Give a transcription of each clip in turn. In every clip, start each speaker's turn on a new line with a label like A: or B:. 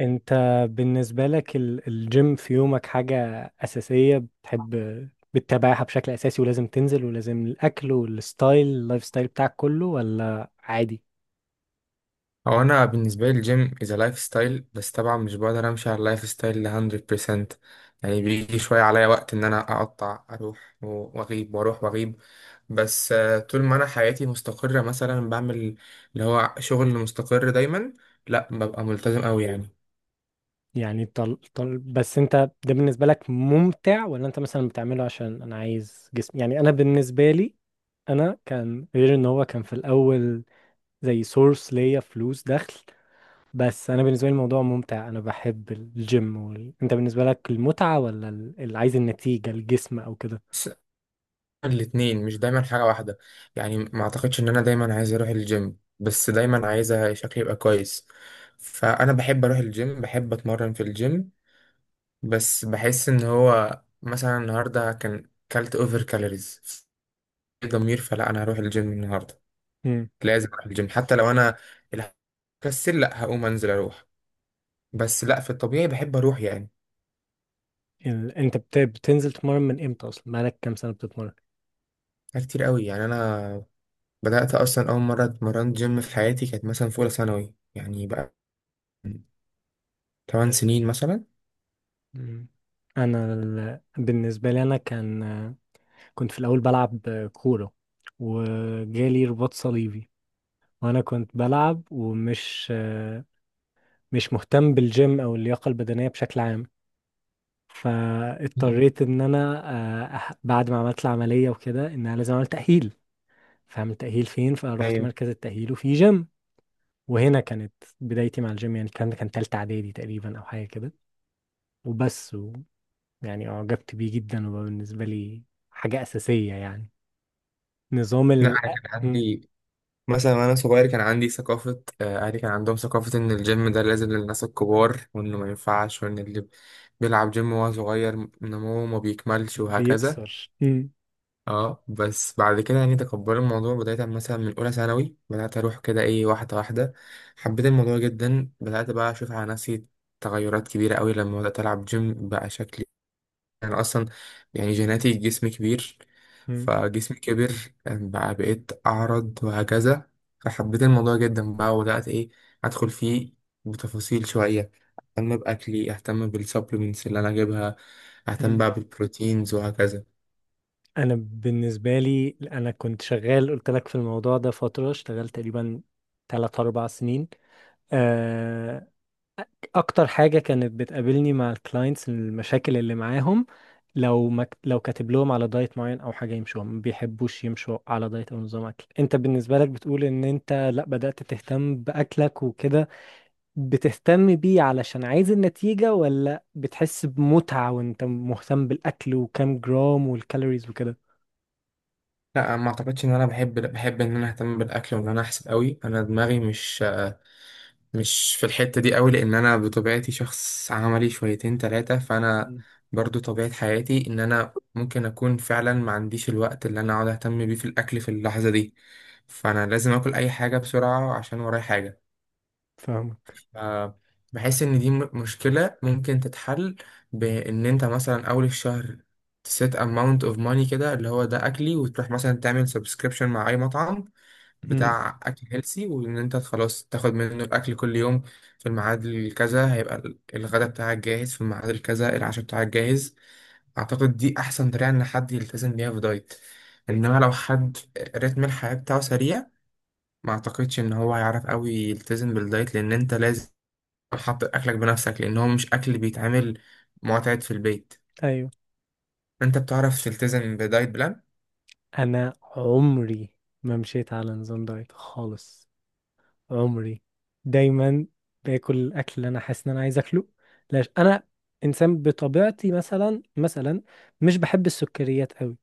A: انت، بالنسبة لك الجيم في يومك حاجة أساسية بتحب بتتابعها بشكل أساسي، ولازم تنزل، ولازم الأكل والستايل، اللايف ستايل بتاعك كله، ولا عادي؟
B: هو انا بالنسبه لي الجيم از لايف ستايل. بس طبعا مش بقدر امشي على اللايف ستايل ل 100%. يعني بيجي شويه عليا وقت ان انا اقطع اروح واغيب واروح واغيب. بس طول ما انا حياتي مستقره، مثلا بعمل اللي هو شغل مستقر دايما، لا ببقى ملتزم قوي يعني.
A: يعني بس انت، ده بالنسبة لك ممتع، ولا انت مثلا بتعمله عشان انا عايز جسم؟ يعني انا بالنسبة لي، انا كان، غير ان هو كان في الأول زي سورس ليا فلوس دخل، بس انا بالنسبه لي الموضوع ممتع، انا بحب الجيم. انت بالنسبه لك المتعه، ولا اللي عايز النتيجه، الجسم او كده؟
B: بس الاتنين مش دايما حاجه واحده. يعني ما اعتقدش ان انا دايما عايز اروح الجيم، بس دايما عايز شكلي يبقى كويس. فانا بحب اروح الجيم، بحب اتمرن في الجيم. بس بحس ان هو مثلا النهارده كان كلت اوفر كالوريز، في ضمير، فلا انا هروح الجيم النهارده.
A: امم
B: لازم اروح الجيم حتى لو انا كسل، لا هقوم انزل اروح. بس لا، في الطبيعي بحب اروح يعني.
A: انت بتنزل تتمرن من امتى اصلا؟ بقالك كام سنه بتتمرن؟
B: حاجات كتير قوي يعني. انا بدات اصلا اول مره اتمرنت جيم في حياتي كانت مثلا في اولى ثانوي، يعني بقى من 8 سنين مثلا.
A: مم. انا بالنسبه لي انا كان، كنت في الاول بلعب كوره، وجالي رباط صليبي، وانا كنت بلعب ومش مش مهتم بالجيم او اللياقه البدنيه بشكل عام،
B: مم.
A: فاضطريت ان انا، بعد ما عملت العمليه وكده، ان انا لازم اعمل تاهيل، فاعمل تأهيل فين؟ فرحت
B: ايوه.
A: مركز التأهيل وفي جيم، وهنا كانت بدايتي مع الجيم. يعني الكلام ده كان تالتة إعدادي تقريبا أو حاجة كده، وبس و يعني أعجبت بيه جدا، وبقى بالنسبة لي حاجة أساسية يعني. نظام
B: لا انا كان
A: م-
B: عندي مثلا وانا صغير، كان عندي ثقافة، اهلي كان عندهم ثقافة ان الجيم ده لازم للناس الكبار، وانه ما ينفعش، وان اللي بيلعب جيم وهو صغير نموه ما بيكملش، وهكذا.
A: بيأثر م-
B: اه، بس بعد كده يعني تقبل الموضوع، بداية مثلا من اولى ثانوي بدأت اروح كده، ايه، واحدة واحدة. حبيت الموضوع جدا، بدأت بقى اشوف على نفسي تغيرات كبيرة قوي لما بدأت العب جيم. بقى شكلي انا اصلا يعني جيناتي جسم كبير،
A: م-
B: فجسمي كبر، بقى بقيت اعرض وهكذا. فحبيت الموضوع جدا بقى، وبدات ايه، ادخل فيه بتفاصيل شويه. اهتم باكلي، اهتم بالسبلمنتس اللي انا اجيبها،
A: م.
B: اهتم بقى بالبروتينز وهكذا.
A: أنا بالنسبة لي أنا كنت شغال، قلت لك في الموضوع ده فترة، اشتغلت تقريبا تلات أربع سنين. آه، اكتر حاجه كانت بتقابلني مع الكلاينتس المشاكل اللي معاهم، لو ما ك- لو كاتب لهم على دايت معين او حاجه يمشوها، ما بيحبوش يمشوا على دايت او نظام اكل. انت بالنسبه لك بتقول ان انت لا، بدات تهتم باكلك وكده، بتهتم بيه علشان عايز النتيجه، ولا بتحس بمتعه وانت مهتم بالاكل وكام جرام والكالوريز وكده؟
B: لا، ما اعتقدش ان انا بحب، ان انا اهتم بالاكل وان انا احسب قوي. انا دماغي مش في الحتة دي قوي، لأن أنا بطبيعتي شخص عملي شويتين تلاتة. فأنا
A: مم.
B: برضو طبيعة حياتي إن أنا ممكن أكون فعلا ما عنديش الوقت اللي أنا أقعد أهتم بيه في الأكل في اللحظة دي، فأنا لازم أكل أي حاجة بسرعة عشان ورايا حاجة.
A: فاهمك.
B: آه، بحس ان دي مشكلة ممكن تتحل، بان انت مثلا اول الشهر تسيت amount of money كده اللي هو ده اكلي، وتروح مثلا تعمل subscription مع اي مطعم
A: مم.
B: بتاع اكل هيلسي، وان انت خلاص تاخد منه الاكل كل يوم في الميعاد الكذا، هيبقى الغدا بتاعك جاهز، في الميعاد الكذا العشاء بتاعك جاهز. اعتقد دي احسن طريقة ان حد يلتزم بيها في دايت. انما لو حد رتم الحياة بتاعه سريع، ما اعتقدش ان هو هيعرف قوي يلتزم بالدايت، لان انت لازم حط اكلك بنفسك، لان هو مش اكل بيتعمل معتاد في البيت.
A: ايوه.
B: انت بتعرف تلتزم بدايت بلان؟
A: انا عمري ما مشيت على نظام دايت خالص، عمري، دايما باكل الاكل اللي انا حاسس ان انا عايز اكله. لاش انا انسان بطبيعتي، مثلا مش بحب السكريات قوي،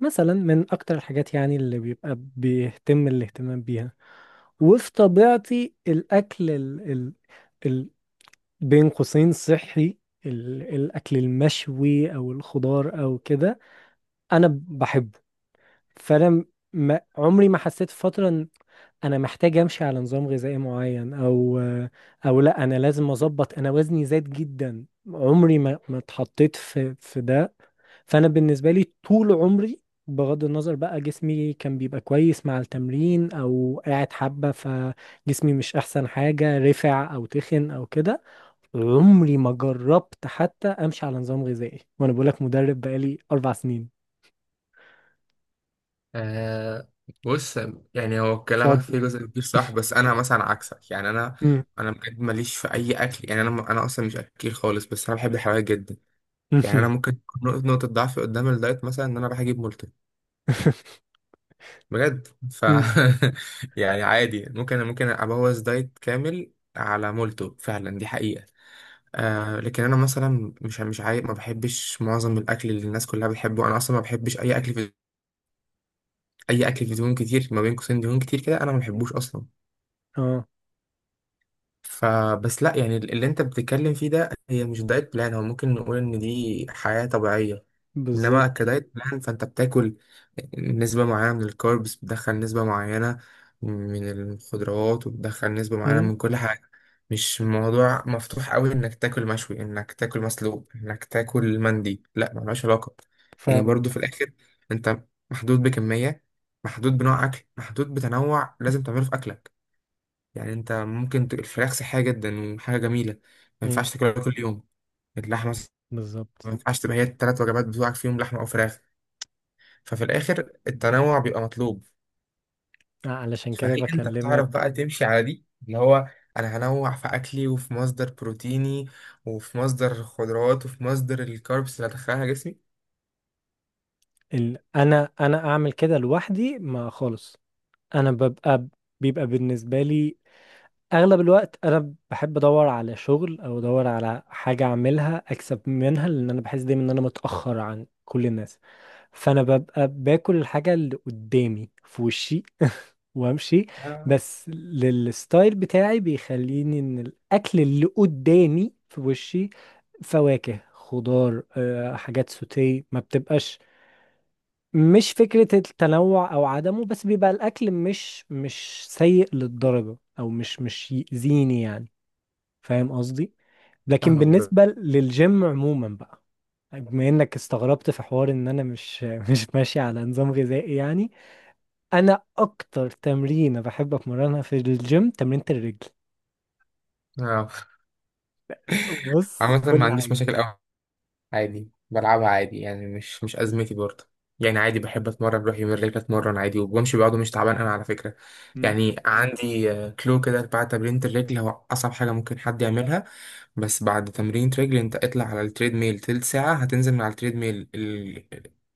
A: مثلا، من اكتر الحاجات يعني اللي بيبقى بيهتم الاهتمام بيها. وفي طبيعتي الاكل ال بين قوسين صحي، الاكل المشوي او الخضار او كده، انا بحبه. فانا ما عمري ما حسيت فترة انا محتاج امشي على نظام غذائي معين، او او لا انا لازم اظبط، انا وزني زاد جدا، عمري ما اتحطيت في ده. فانا بالنسبه لي طول عمري، بغض النظر بقى جسمي كان بيبقى كويس مع التمرين او قاعد حبه، فجسمي مش احسن حاجه، رفع او تخن او كده، عمري ما جربت حتى امشي على نظام غذائي، وانا بقول لك مدرب بقالي اربع سنين.
B: آه. بص، يعني هو كلامك فيه
A: صدمه.
B: جزء كبير صح، بس انا مثلا عكسك يعني. انا
A: مم.
B: انا بجد ماليش في اي اكل، يعني انا اصلا مش اكيل خالص، بس انا بحب الحلويات جدا. يعني انا ممكن تكون نقطة ضعفي قدام الدايت مثلا ان انا بحجب مولتو، بجد.
A: مم.
B: يعني عادي، ممكن ابوظ دايت كامل على مولتو، فعلا دي حقيقه. آه، لكن انا مثلا مش ما بحبش معظم الاكل اللي الناس كلها بتحبه. انا اصلا ما بحبش. اي اكل في دهون كتير، ما بين قوسين دهون كتير كده، انا ما بحبوش اصلا.
A: اه.
B: فبس لا، يعني اللي انت بتتكلم فيه ده هي مش دايت بلان، هو ممكن نقول ان دي حياة طبيعية. انما
A: بالظبط.
B: كدايت بلان، فانت بتاكل نسبة معينة من الكاربس، بتدخل نسبة معينة من الخضروات، وبتدخل نسبة معينة من كل حاجة. مش موضوع مفتوح قوي انك تاكل مشوي، انك تاكل مسلوق، انك تاكل مندي. لا، ملهاش علاقة. يعني
A: فاهمك.
B: برضو في الاخر انت محدود بكمية، محدود بنوع اكل، محدود بتنوع لازم تعمله في اكلك. يعني انت ممكن الفراخ صحية جدا وحاجة جميلة، ما
A: مم،
B: ينفعش تاكلها كل يوم. اللحمة
A: بالظبط.
B: ما ينفعش تبقى هي التلات وجبات بتوعك فيهم لحمة او فراخ. ففي الآخر التنوع بيبقى مطلوب.
A: علشان
B: فهل
A: كده
B: أنت بتعرف
A: بكلمك.
B: بقى تمشي على دي، اللي هو أنا هنوع في أكلي، وفي مصدر بروتيني، وفي مصدر خضروات، وفي مصدر الكاربس اللي هدخلها جسمي؟
A: انا اعمل كده لوحدي، ما خالص انا ببقى، بيبقى بالنسبه لي اغلب الوقت انا بحب ادور على شغل او ادور على حاجه اعملها اكسب منها، لان انا بحس دايما ان انا متاخر عن كل الناس، فانا ببقى باكل الحاجه اللي قدامي في وشي وامشي،
B: آه،
A: بس للستايل بتاعي بيخليني ان الاكل اللي قدامي في وشي فواكه، خضار، حاجات سوتيه، ما بتبقاش مش فكرة التنوع او عدمه، بس بيبقى الاكل مش سيء للدرجة، او مش يأذيني يعني. فاهم قصدي؟ لكن
B: فاهمك بقى.
A: بالنسبة للجيم عموما بقى، بما انك استغربت في حوار ان انا مش ماشي على نظام غذائي يعني، انا اكتر تمرينه بحب اتمرنها في الجيم تمرينة الرجل.
B: آه،
A: بص،
B: عامة ما
A: كل
B: عنديش
A: حاجة.
B: مشاكل أوي. عادي بلعبها عادي، يعني مش أزمتي برضه. يعني عادي بحب اتمرن، بروح يومين رجلي اتمرن عادي، وبمشي بعضه. مش تعبان انا على فكره. يعني عندي، كلو كده، بعد تمرين الرجل هو اصعب حاجه ممكن حد يعملها، بس بعد تمرين رجل انت اطلع على التريد ميل تلت ساعة. هتنزل من على التريد ميل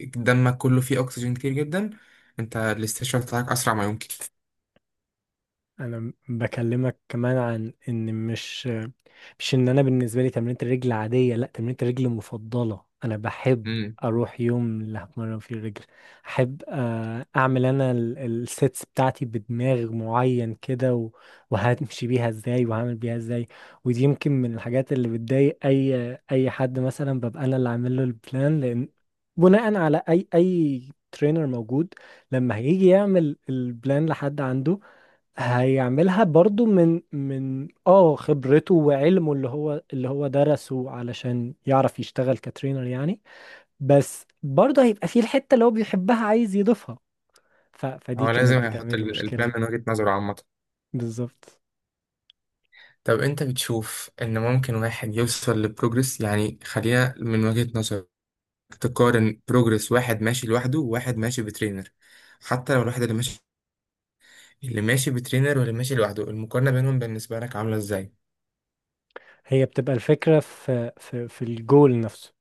B: دمك كله فيه اكسجين كتير جدا، انت الاستشفاء بتاعك اسرع ما يمكن.
A: انا بكلمك كمان عن ان مش ان انا بالنسبه لي تمرينة الرجل عاديه، لا، تمرينة الرجل مفضله، انا بحب
B: امم.
A: اروح يوم اللي هتمرن فيه الرجل، احب اعمل انا السيتس بتاعتي بدماغ معين كده، وهمشي بيها ازاي وهعمل بيها ازاي. ودي يمكن من الحاجات اللي بتضايق اي حد، مثلا ببقى انا اللي عامل له البلان، لان بناء على اي ترينر موجود لما هيجي يعمل البلان لحد عنده، هيعملها برضو من اه خبرته وعلمه، اللي هو درسه علشان يعرف يشتغل كترينر يعني، بس برضو هيبقى فيه الحتة اللي هو بيحبها عايز يضيفها. فدي
B: هو
A: كانت
B: لازم يحط
A: بتعمل لي
B: البلان
A: مشكلة.
B: من وجهة نظره عامة.
A: بالظبط.
B: طب انت بتشوف ان ممكن واحد يوصل لبروجرس، يعني خلينا من وجهة نظرك تقارن بروجرس واحد ماشي لوحده وواحد ماشي بترينر. حتى لو الواحد اللي ماشي بترينر واللي ماشي لوحده، المقارنة بينهم بالنسبة لك عاملة ازاي؟
A: هي بتبقى الفكرة في الجول نفسه.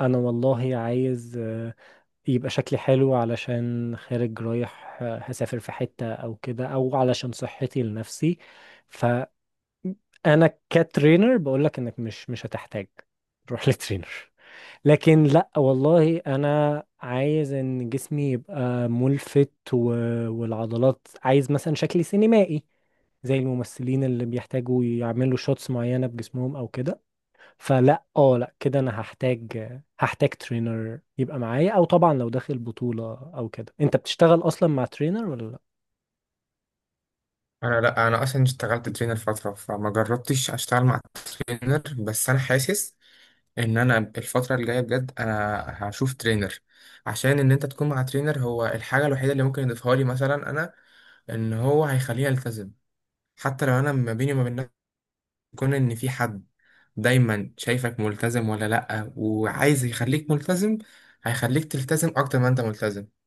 A: انا والله عايز يبقى شكلي حلو علشان خارج رايح هسافر في حتة او كده، او علشان صحتي لنفسي، انا كترينر بقول لك انك مش هتحتاج روح لترينر. لكن لا والله انا عايز ان جسمي يبقى ملفت و... والعضلات، عايز مثلا شكلي سينمائي زي الممثلين اللي بيحتاجوا يعملوا شوتس معينة بجسمهم او كده، فلا اه لا كده انا هحتاج ترينر يبقى معايا. او طبعا لو داخل بطولة او كده، انت بتشتغل اصلا مع ترينر ولا لا؟
B: انا لا، انا اصلا اشتغلت ترينر فتره، فما جربتش اشتغل مع ترينر، بس انا حاسس ان انا الفتره الجايه بجد انا هشوف ترينر. عشان ان انت تكون مع ترينر هو الحاجه الوحيده اللي ممكن يضيفها لي مثلا. انا ان هو هيخليني التزم، حتى لو انا ما بيني وما بين نفسي يكون ان في حد دايما شايفك ملتزم ولا لا، وعايز يخليك ملتزم، هيخليك تلتزم اكتر ما انت ملتزم.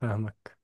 A: فاهمك.